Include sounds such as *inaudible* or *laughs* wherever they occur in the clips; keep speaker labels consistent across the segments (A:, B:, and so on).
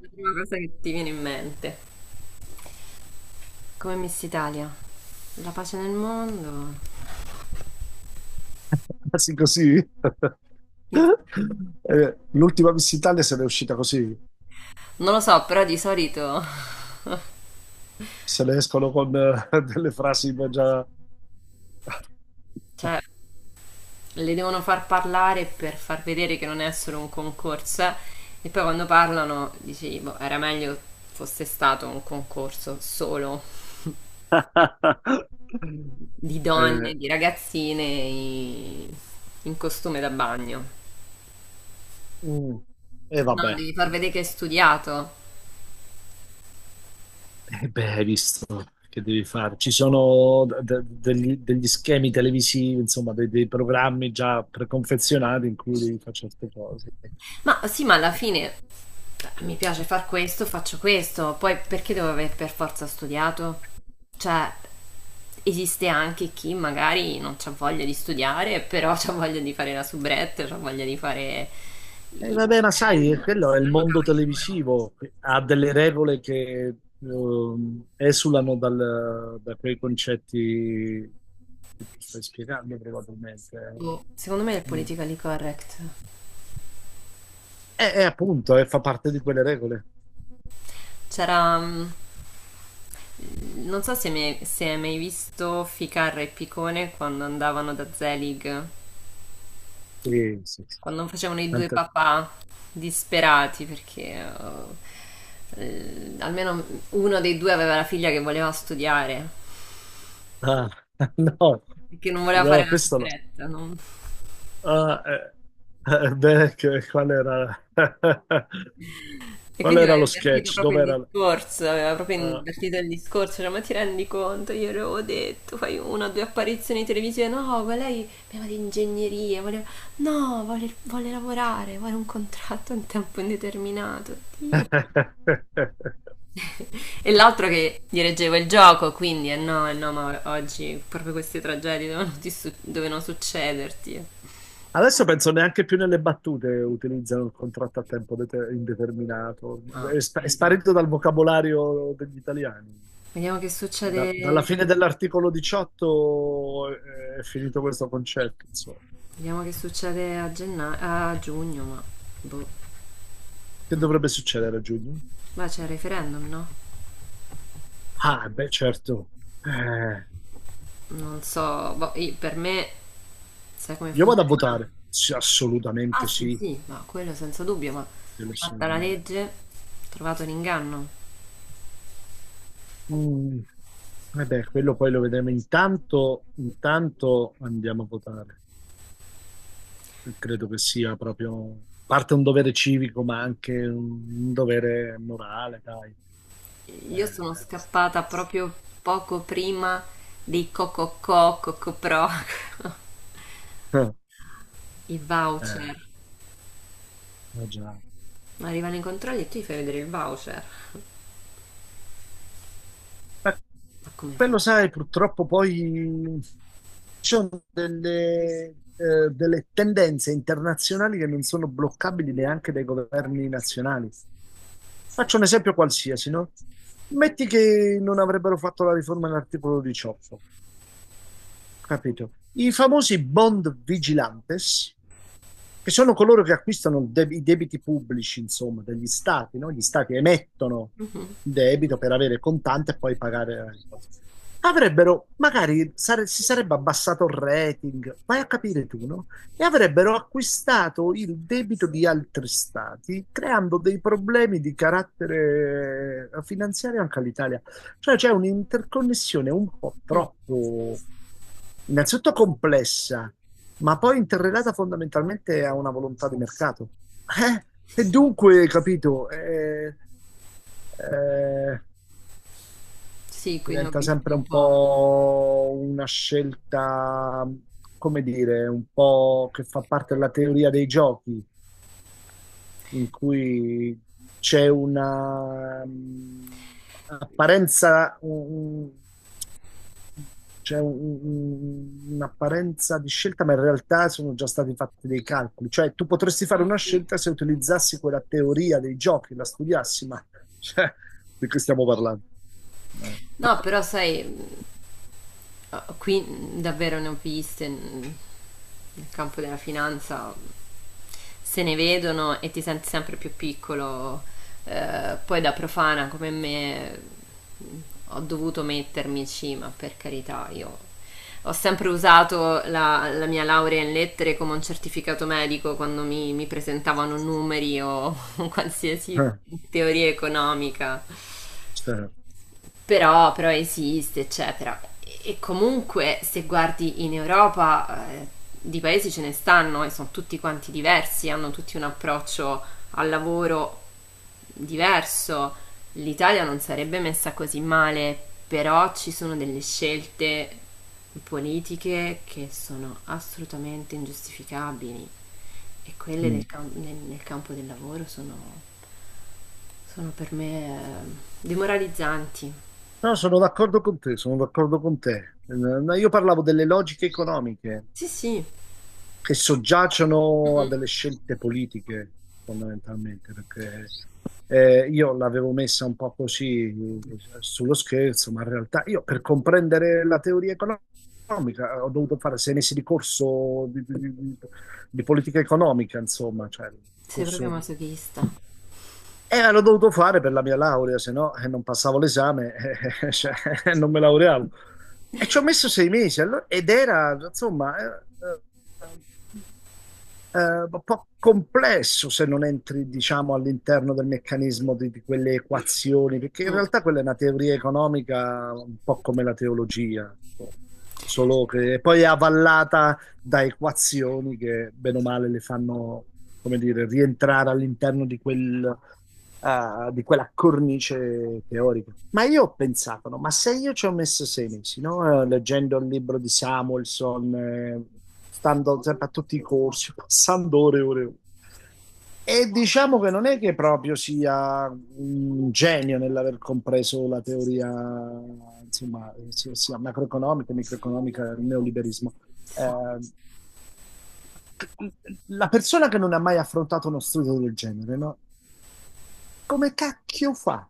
A: La prima cosa che ti viene in mente. Come Miss Italia? La pace nel mondo?
B: Quasi così.
A: Non
B: L'ultima Miss Italia se n'è uscita così,
A: lo so, però di solito...
B: se ne escono con *laughs* delle frasi già.
A: Cioè, le devono far parlare per far vedere che non è solo un concorso. E poi quando parlano, dici, boh, era meglio fosse stato un concorso solo
B: *laughs*
A: di donne,
B: Eh,
A: di in costume da bagno.
B: mm, e
A: No,
B: vabbè.
A: devi far vedere che hai studiato.
B: Beh, hai visto che devi fare. Ci sono degli schemi televisivi, insomma, dei programmi già preconfezionati in cui devi fare certe cose.
A: Ma sì, ma alla fine mi piace far questo, faccio questo, poi perché devo aver per forza studiato? Cioè, esiste anche chi magari non ha voglia di studiare, però ha voglia di fare la soubrette, ha voglia di fare il
B: Vabbè, ma sai,
A: modello,
B: quello è il
A: saranno
B: mondo
A: cavoli loro.
B: televisivo, ha delle regole che esulano da quei concetti che tu stai spiegando probabilmente.
A: Secondo me è il
B: Eh. Mm.
A: politically correct.
B: E appunto, fa parte di quelle regole.
A: C'era non so se se hai mai visto Ficarra e Picone quando andavano da Zelig,
B: Sì, sì, sì.
A: quando facevano i due
B: Tanta-
A: papà disperati perché almeno uno dei due aveva la figlia che voleva studiare
B: Ah, *laughs* no,
A: e che non voleva fare
B: no,
A: la
B: questo no.
A: soubretta, no?
B: Ah, *laughs* beh, qual era. *laughs*
A: E
B: Qual
A: quindi
B: era
A: aveva
B: lo
A: invertito
B: sketch?
A: proprio il
B: Dov'era.
A: discorso, aveva proprio
B: Ah.
A: invertito il discorso, cioè ma ti rendi conto, io le avevo detto, fai una o due apparizioni televisive, no, ma lei voleva di ingegneria, voleva... no, vuole, vuole lavorare, vuole un contratto a tempo indeterminato, Dio.
B: *laughs*
A: *laughs* E l'altro che dirigeva il gioco, quindi eh no, ma oggi proprio queste tragedie dovevano, dovevano succederti.
B: Adesso penso neanche più nelle battute utilizzano il contratto a tempo indeterminato,
A: No,
B: è,
A: per
B: è
A: carità.
B: sparito dal vocabolario degli italiani.
A: Vediamo che
B: Dalla
A: succede.
B: fine dell'articolo 18 è finito questo concetto, insomma.
A: Vediamo che succede a, a giugno, ma boh.
B: Che dovrebbe succedere a giugno?
A: Ma c'è il referendum, no?
B: Ah, beh, certo. Eh,
A: Non so, boh, per me sai come
B: io vado a
A: funziona?
B: votare. Sì,
A: Ah
B: assolutamente
A: sì,
B: sì,
A: sì, ma quello senza dubbio, ma
B: quello
A: fatta la
B: assolutamente.
A: legge, trovato l'inganno.
B: Mm, Vabbè, quello poi lo vedremo. Intanto andiamo a votare. Credo che sia proprio parte un dovere civico, ma anche un dovere morale, dai.
A: Io sono
B: Eh,
A: scappata proprio poco prima dei Cococò, Cocopro,
B: eh,
A: *laughs* i
B: eh,
A: voucher.
B: Già.
A: Ma arrivano i controlli e tu gli fai vedere il voucher.
B: Ma
A: Ma come fa?
B: quello, sai, purtroppo poi ci sono delle tendenze internazionali che non sono bloccabili neanche dai governi nazionali. Faccio un esempio qualsiasi, no? Metti che non avrebbero fatto la riforma dell'articolo 18. Capito? I famosi bond vigilantes, che sono coloro che acquistano i debiti pubblici, insomma, degli stati, no? Gli stati emettono il debito per avere contante e poi pagare la cosa. Avrebbero, magari si sarebbe abbassato il rating, vai a capire tu, no? E avrebbero acquistato il debito di altri stati, creando dei problemi di carattere finanziario anche all'Italia. Cioè c'è un'interconnessione un po' troppo, innanzitutto complessa, ma poi interrelata fondamentalmente a una volontà di mercato. Eh? E dunque, capito, eh,
A: Sì, quindi ho
B: diventa
A: visto
B: sempre
A: un
B: un
A: po'.
B: po' una scelta, come dire, un po' che fa parte della teoria dei giochi, in cui c'è una apparenza, c'è un'apparenza di scelta, ma in realtà sono già stati fatti dei calcoli. Cioè, tu potresti fare
A: Ah
B: una
A: sì.
B: scelta se utilizzassi quella teoria dei giochi, la studiassi, ma cioè, di che stiamo parlando? Eh,
A: No, però sai, ah, qui davvero ne ho viste, nel campo della finanza, se ne vedono e ti senti sempre più piccolo. Poi da profana come me, mh, ho dovuto mettermici, ma per carità, io ho sempre usato la mia laurea in lettere come un certificato medico quando mi presentavano numeri o *laughs* qualsiasi
B: eh,
A: teoria economica.
B: certo.
A: Però, però esiste, eccetera. E comunque, se guardi in Europa, di paesi ce ne stanno e sono tutti quanti diversi, hanno tutti un approccio al lavoro diverso. L'Italia non sarebbe messa così male, però ci sono delle scelte politiche che sono assolutamente ingiustificabili e quelle
B: Mm.
A: del nel campo del lavoro sono, sono per me demoralizzanti.
B: No, sono d'accordo con te, sono d'accordo con te. No, io parlavo delle logiche economiche
A: Sì, sì.
B: che soggiacciono a
A: Mm,
B: delle scelte politiche, fondamentalmente. Perché io l'avevo messa un po' così, sullo scherzo, ma in realtà io per comprendere la teoria economica ho dovuto fare 6 mesi di corso di di politica economica, insomma, cioè,
A: sei proprio
B: corso.
A: masochista.
B: E l'ho dovuto fare per la mia laurea, se no non passavo l'esame, *laughs* cioè, non me laureavo. E ci ho messo 6 mesi, ed era, insomma, eh, eh, eh, un po' complesso se non entri, diciamo, all'interno del meccanismo di quelle equazioni, perché in
A: Mm,
B: realtà quella è una teoria economica un po' come la teologia, insomma, ecco. Solo che poi è avvallata da equazioni che bene o male le fanno, come dire, rientrare all'interno di quella cornice teorica. Ma io ho pensato, no? Ma se io ci ho messo 6 mesi, no? Leggendo il libro di Samuelson, stando sempre a tutti i corsi, *laughs* passando ore e ore e ore. E diciamo che non è che proprio sia un genio nell'aver compreso la teoria, insomma, sia, sia macroeconomica, microeconomica, il neoliberismo. Eh,
A: sì.
B: la persona che non ha mai affrontato uno studio del genere, no? Come cacchio fa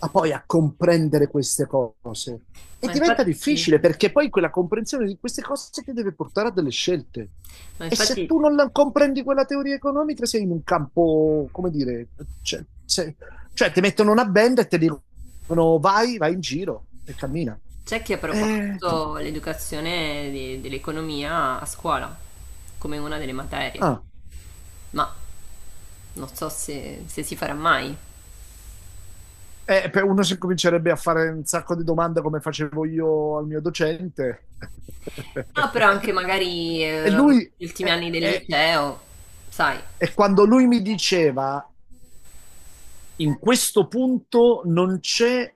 B: a poi a comprendere queste cose? E
A: Ma
B: diventa difficile
A: infatti,
B: perché poi quella comprensione di queste cose ti deve portare a delle scelte.
A: ma
B: E se
A: infatti
B: tu non comprendi quella teoria economica, sei in un campo, come dire, cioè, cioè, ti mettono una benda e ti dicono vai, vai in giro e cammina.
A: c'è chi ha
B: Eh,
A: proposto l'educazione dell'economia a scuola come una delle materie,
B: ah.
A: ma non so se si farà mai.
B: Per uno si comincerebbe a fare un sacco di domande come facevo io al mio docente.
A: Ah, però anche
B: *laughs*
A: magari
B: E lui,
A: gli ultimi
B: e,
A: anni del
B: e-
A: liceo, sai.
B: e quando lui mi diceva, in questo punto non c'è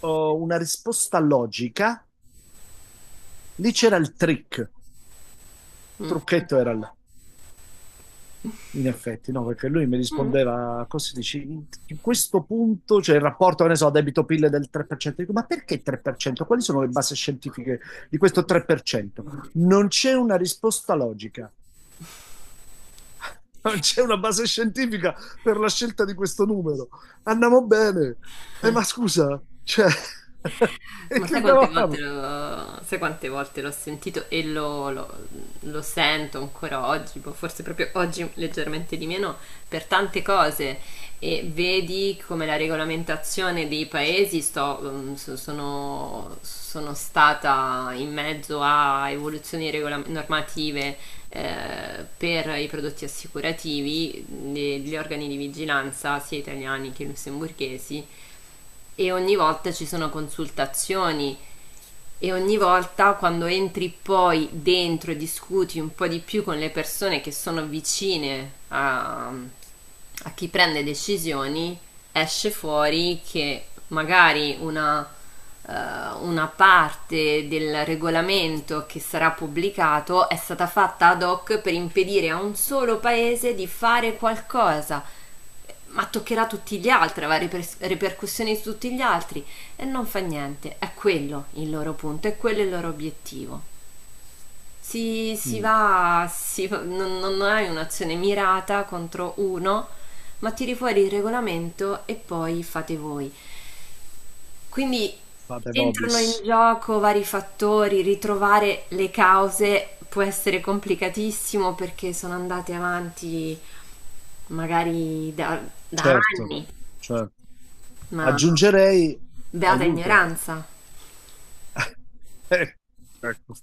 B: oh, una risposta logica, lì c'era il trick, il trucchetto era. In effetti, no, perché lui mi
A: Mm.
B: rispondeva a cose, dici, in questo punto, cioè il rapporto, che ne so, debito-PIL del 3%, dico, ma perché 3%? Quali sono le basi scientifiche di questo 3%? Non c'è una risposta logica, *laughs* non c'è una base scientifica per la scelta di questo numero. Andiamo bene. Ma
A: *laughs*
B: scusa, cioè, *laughs* e
A: Ma
B: che
A: sai
B: stavo
A: quante
B: a
A: volte
B: fare?
A: l'ho, sai quante volte l'ho sentito e lo sento ancora oggi, boh, forse proprio oggi leggermente di meno, per tante cose. E vedi come la regolamentazione dei paesi sono, sono stata in mezzo a evoluzioni normative, per i prodotti assicurativi, gli organi di vigilanza, sia italiani che lussemburghesi, e ogni volta ci sono consultazioni e ogni volta quando entri poi dentro e discuti un po' di più con le persone che sono vicine a, a chi prende decisioni, esce fuori che magari eh, una parte del regolamento che sarà pubblicato è stata fatta ad hoc per impedire a un solo paese di fare qualcosa, ma toccherà tutti gli altri, avrà ripercussioni su tutti gli altri, e non fa niente, è quello il loro punto, è quello il loro obiettivo. Si,
B: Mm,
A: non hai un'azione mirata contro uno, ma tiri fuori il regolamento e poi fate voi. Quindi
B: Fate
A: entrano
B: vobis,
A: in gioco vari fattori, ritrovare le cause può essere complicatissimo perché sono andate avanti magari da
B: certo,
A: anni,
B: certo.
A: ma
B: Aggiungerei
A: beata
B: aiuto.
A: ignoranza.
B: Eh, ecco.